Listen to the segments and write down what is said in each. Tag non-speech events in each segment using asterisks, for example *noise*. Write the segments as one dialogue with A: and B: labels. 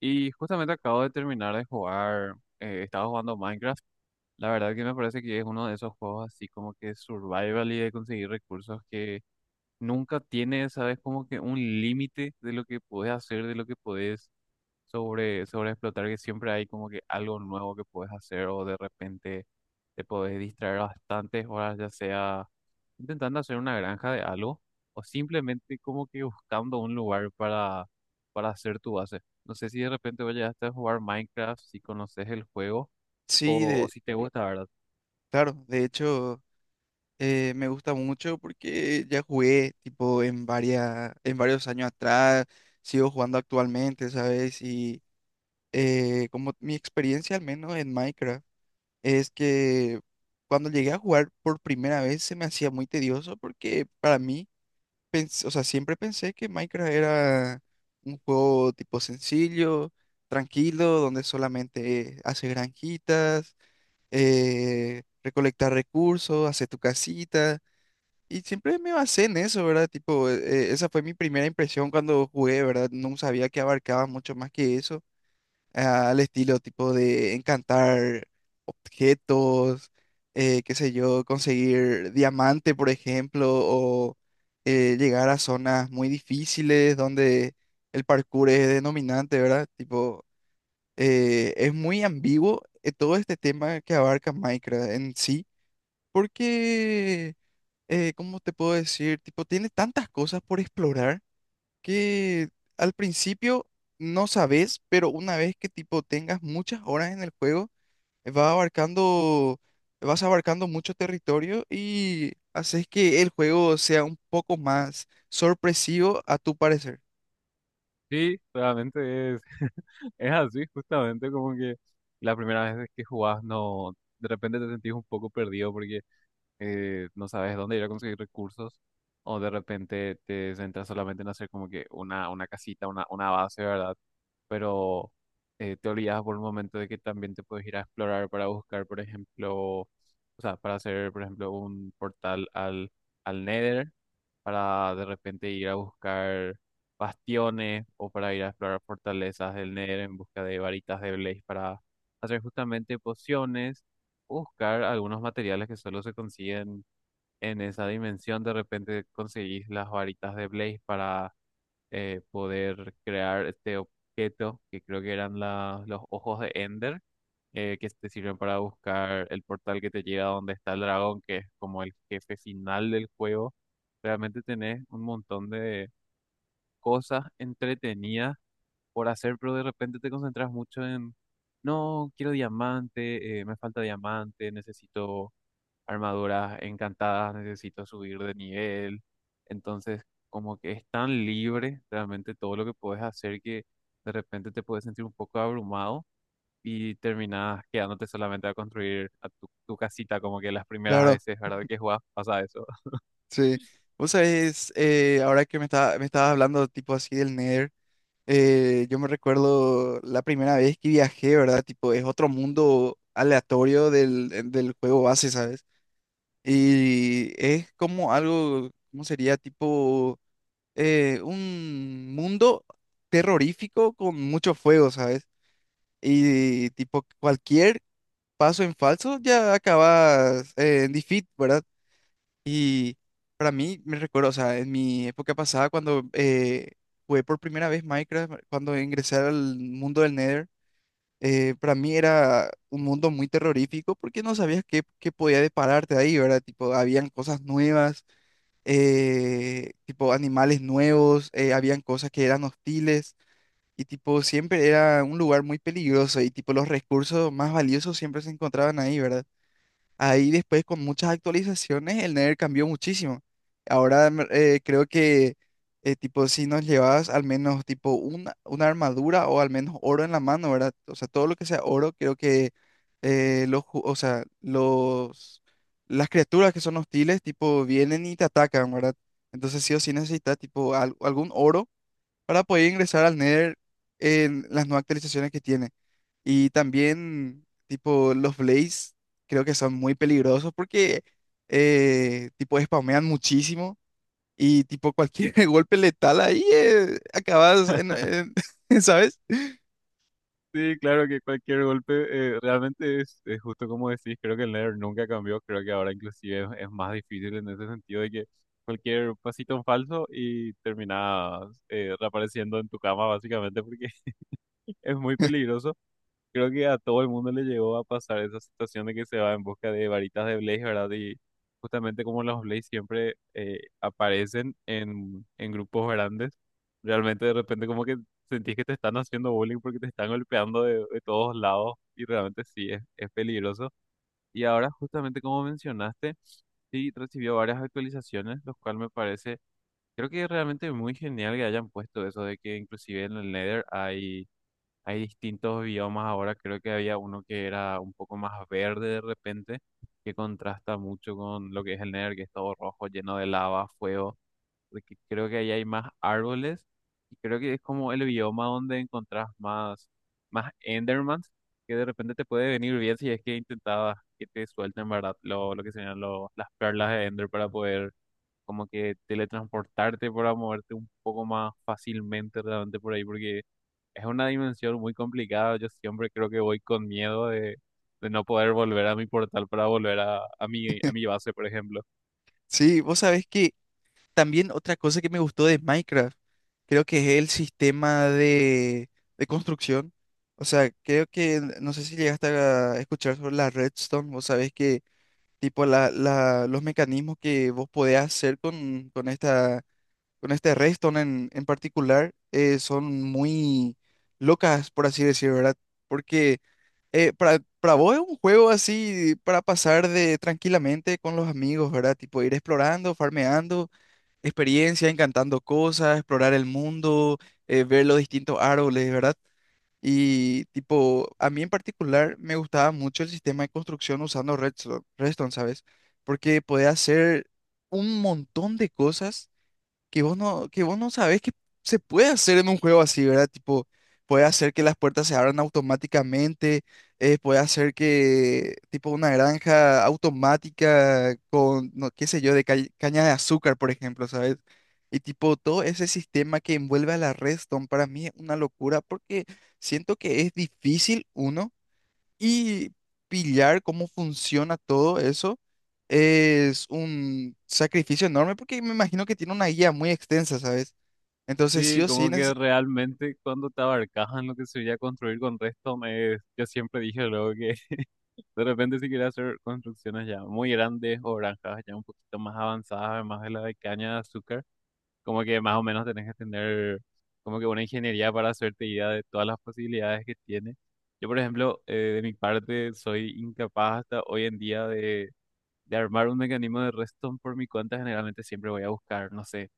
A: Y justamente acabo de terminar de jugar, estaba jugando Minecraft. La verdad que me parece que es uno de esos juegos así como que survival y de conseguir recursos que nunca tiene, sabes, como que un límite de lo que puedes hacer, de lo que puedes sobre explotar, que siempre hay como que algo nuevo que puedes hacer o de repente te podés distraer bastantes horas, ya sea intentando hacer una granja de algo o simplemente como que buscando un lugar para hacer tu base. No sé si de repente vayas a jugar Minecraft, si conoces el juego
B: Sí,
A: o
B: de,
A: si te gusta, ¿verdad?
B: claro, de hecho me gusta mucho porque ya jugué tipo en varias, en varios años atrás, sigo jugando actualmente, ¿sabes? Como mi experiencia al menos en Minecraft es que cuando llegué a jugar por primera vez se me hacía muy tedioso porque para mí, o sea, siempre pensé que Minecraft era un juego tipo sencillo, tranquilo, donde solamente haces granjitas, recolectar recursos, hacer tu casita. Y siempre me basé en eso, ¿verdad? Tipo, esa fue mi primera impresión cuando jugué, ¿verdad? No sabía que abarcaba mucho más que eso, ah, al estilo tipo de encantar objetos, qué sé yo, conseguir diamante, por ejemplo, o llegar a zonas muy difíciles donde el parkour es denominante, ¿verdad? Tipo, es muy ambiguo, todo este tema que abarca Minecraft en sí, porque, ¿cómo te puedo decir? Tipo, tiene tantas cosas por explorar que al principio no sabes, pero una vez que tipo tengas muchas horas en el juego, va abarcando, vas abarcando mucho territorio y haces que el juego sea un poco más sorpresivo a tu parecer.
A: Sí, realmente es, *laughs* es así, justamente como que la primera vez que jugás, no, de repente te sentís un poco perdido porque no sabes dónde ir a conseguir recursos, o de repente te centras solamente en hacer como que una casita, una base, ¿verdad? Pero te olvidas por un momento de que también te puedes ir a explorar para buscar, por ejemplo, o sea, para hacer, por ejemplo, un portal al Nether, para de repente ir a buscar bastiones o para ir a explorar fortalezas del Nether en busca de varitas de Blaze para hacer justamente pociones, buscar algunos materiales que solo se consiguen en esa dimensión. De repente conseguís las varitas de Blaze para poder crear este objeto, que creo que eran los ojos de Ender, que te sirven para buscar el portal que te lleva a donde está el dragón, que es como el jefe final del juego. Realmente tenés un montón de cosas entretenidas por hacer, pero de repente te concentras mucho en... No, quiero diamante, me falta diamante, necesito armaduras encantadas, necesito subir de nivel. Entonces, como que es tan libre realmente todo lo que puedes hacer, que de repente te puedes sentir un poco abrumado y terminas quedándote solamente a construir a tu casita, como que las primeras
B: Claro.
A: veces, ¿verdad? Que jugás pasa eso.
B: Sí, vos sabés, ahora que me estaba, me estabas hablando tipo así del Nether, yo me recuerdo la primera vez que viajé, ¿verdad? Tipo, es otro mundo aleatorio del, del juego base, ¿sabes? Y es como algo, ¿cómo sería? Tipo, un mundo terrorífico con mucho fuego, ¿sabes? Y tipo, cualquier paso en falso ya acabas en defeat, ¿verdad? Y para mí, me recuerdo, o sea, en mi época pasada, cuando jugué por primera vez Minecraft, cuando ingresé al mundo del Nether, para mí era un mundo muy terrorífico porque no sabías qué, qué podía depararte ahí, ¿verdad? Tipo, habían cosas nuevas, tipo animales nuevos, habían cosas que eran hostiles. Y tipo, siempre era un lugar muy peligroso y tipo los recursos más valiosos siempre se encontraban ahí, ¿verdad? Ahí después con muchas actualizaciones el Nether cambió muchísimo. Ahora creo que tipo si nos llevabas al menos tipo una armadura o al menos oro en la mano, ¿verdad? O sea, todo lo que sea oro, creo que los, o sea, los, las criaturas que son hostiles tipo vienen y te atacan, ¿verdad? Entonces sí o sí necesitas tipo algún oro para poder ingresar al Nether en las nuevas actualizaciones que tiene. Y también, tipo, los Blaze creo que son muy peligrosos porque, tipo, spamean muchísimo y, tipo, cualquier *laughs* golpe letal ahí acabas en- *laughs* ¿sabes?
A: Sí, claro que cualquier golpe, realmente es justo como decís. Creo que el Nether nunca cambió, creo que ahora inclusive es más difícil en ese sentido, de que cualquier pasito en falso y terminas reapareciendo en tu cama, básicamente porque *laughs* es muy peligroso. Creo que a todo el mundo le llegó a pasar esa situación de que se va en busca de varitas de Blaze, ¿verdad? Y justamente como los Blaze siempre aparecen en grupos grandes, realmente de repente como que sentís que te están haciendo bullying porque te están golpeando de todos lados, y realmente sí, es peligroso. Y ahora, justamente como mencionaste, sí, recibió varias actualizaciones, lo cual me parece, creo que es realmente muy genial que hayan puesto eso de que inclusive en el Nether hay... Hay distintos biomas ahora. Creo que había uno que era un poco más verde de repente, que contrasta mucho con lo que es el Nether, que es todo rojo, lleno de lava, fuego, porque creo que ahí hay más árboles, y creo que es como el bioma donde encontrás más, más Endermans, que de repente te puede venir bien si es que intentabas que te suelten, ¿verdad? Lo que serían las perlas de Ender, para poder como que teletransportarte, para moverte un poco más fácilmente realmente por ahí, porque es una dimensión muy complicada. Yo siempre creo que voy con miedo de no poder volver a mi portal para volver a mi base, por ejemplo.
B: Sí, vos sabés que también otra cosa que me gustó de Minecraft, creo que es el sistema de construcción. O sea, creo que, no sé si llegaste a escuchar sobre la redstone, vos sabés que tipo la, los mecanismos que vos podés hacer con esta, con este redstone en particular, son muy locas, por así decir, ¿verdad? Porque para vos es un juego así para pasar de tranquilamente con los amigos, ¿verdad? Tipo ir explorando, farmeando experiencia, encantando cosas, explorar el mundo, ver los distintos árboles, ¿verdad? Y tipo, a mí en particular me gustaba mucho el sistema de construcción usando Redstone, Redstone, ¿sabes? Porque podía hacer un montón de cosas que vos no sabés que se puede hacer en un juego así, ¿verdad? Tipo, puede hacer que las puertas se abran automáticamente, puede hacer que, tipo, una granja automática con, no, qué sé yo, de caña de azúcar, por ejemplo, ¿sabes? Y tipo, todo ese sistema que envuelve a la Redstone para mí es una locura porque siento que es difícil, uno, y pillar cómo funciona todo eso es un sacrificio enorme porque me imagino que tiene una guía muy extensa, ¿sabes? Entonces, sí
A: Sí,
B: o sí,
A: como que realmente cuando te abarcas en lo que sería construir con Redstone, me yo siempre dije luego que *laughs* de repente si quería hacer construcciones ya muy grandes o granjas ya un poquito más avanzadas, además de la de caña de azúcar, como que más o menos tenés que tener como que una ingeniería para hacerte idea de todas las posibilidades que tiene. Yo, por ejemplo, de mi parte, soy incapaz hasta hoy en día de armar un mecanismo de redstone por mi cuenta. Generalmente siempre voy a buscar, no sé,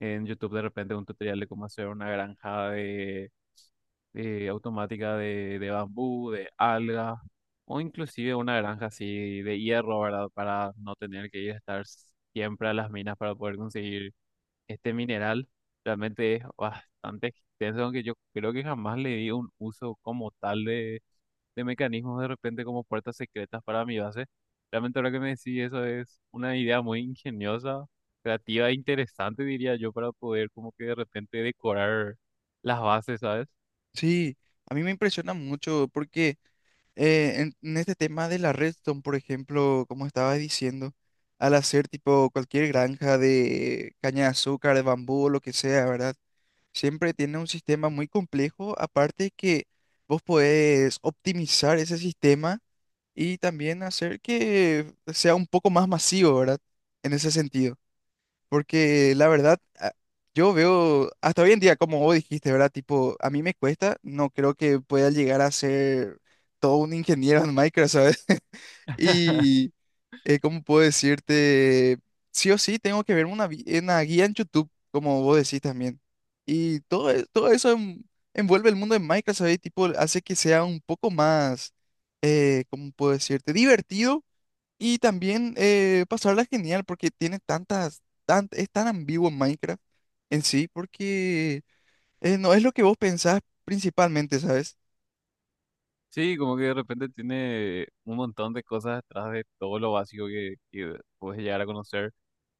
A: en YouTube de repente un tutorial de cómo hacer una granja de automática de bambú, de algas, o inclusive una granja así de hierro, ¿verdad? Para no tener que ir a estar siempre a las minas para poder conseguir este mineral. Realmente es bastante extenso, aunque yo creo que jamás le di un uso como tal de mecanismos de repente como puertas secretas para mi base. Realmente ahora que me decís eso, es una idea muy ingeniosa, creativa e interesante, diría yo, para poder como que de repente decorar las bases, ¿sabes?
B: sí, a mí me impresiona mucho porque en este tema de la redstone, por ejemplo, como estaba diciendo, al hacer tipo cualquier granja de caña de azúcar, de bambú o lo que sea, ¿verdad? Siempre tiene un sistema muy complejo, aparte que vos podés optimizar ese sistema y también hacer que sea un poco más masivo, ¿verdad? En ese sentido. Porque la verdad, yo veo hasta hoy en día, como vos dijiste, ¿verdad? Tipo, a mí me cuesta, no creo que pueda llegar a ser todo un ingeniero en Microsoft. *laughs*
A: *laughs*
B: Y, ¿cómo puedo decirte? Sí o sí, tengo que verme una, una guía en YouTube, como vos decís también. Y todo, todo eso envuelve el mundo de Minecraft, ¿sabes? Tipo, hace que sea un poco más, ¿cómo puedo decirte? Divertido, y también pasarla genial porque tiene tantas, tan, es tan ambiguo en Minecraft en sí, porque no es lo que vos pensás principalmente, ¿sabes?
A: Sí, como que de repente tiene un montón de cosas detrás de todo lo básico que puedes llegar a conocer.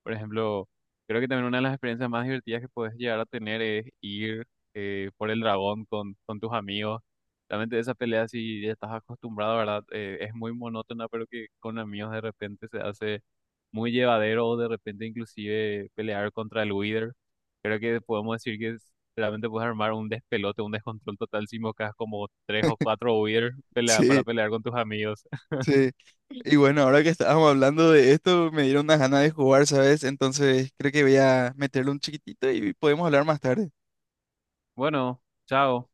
A: Por ejemplo, creo que también una de las experiencias más divertidas que puedes llegar a tener es ir por el dragón con tus amigos. Realmente esa pelea, si ya estás acostumbrado, ¿verdad? Es muy monótona, pero que con amigos de repente se hace muy llevadero, o de repente inclusive pelear contra el Wither. Creo que podemos decir que es- realmente puedes armar un despelote, un descontrol total si invocas como tres o cuatro Wither
B: *laughs*
A: pelea, para
B: Sí,
A: pelear con tus amigos. *laughs*
B: sí. Y bueno, ahora que estábamos hablando de esto, me dieron unas ganas de jugar, ¿sabes? Entonces creo que voy a meterle un chiquitito y podemos hablar más tarde.
A: Bueno, chao.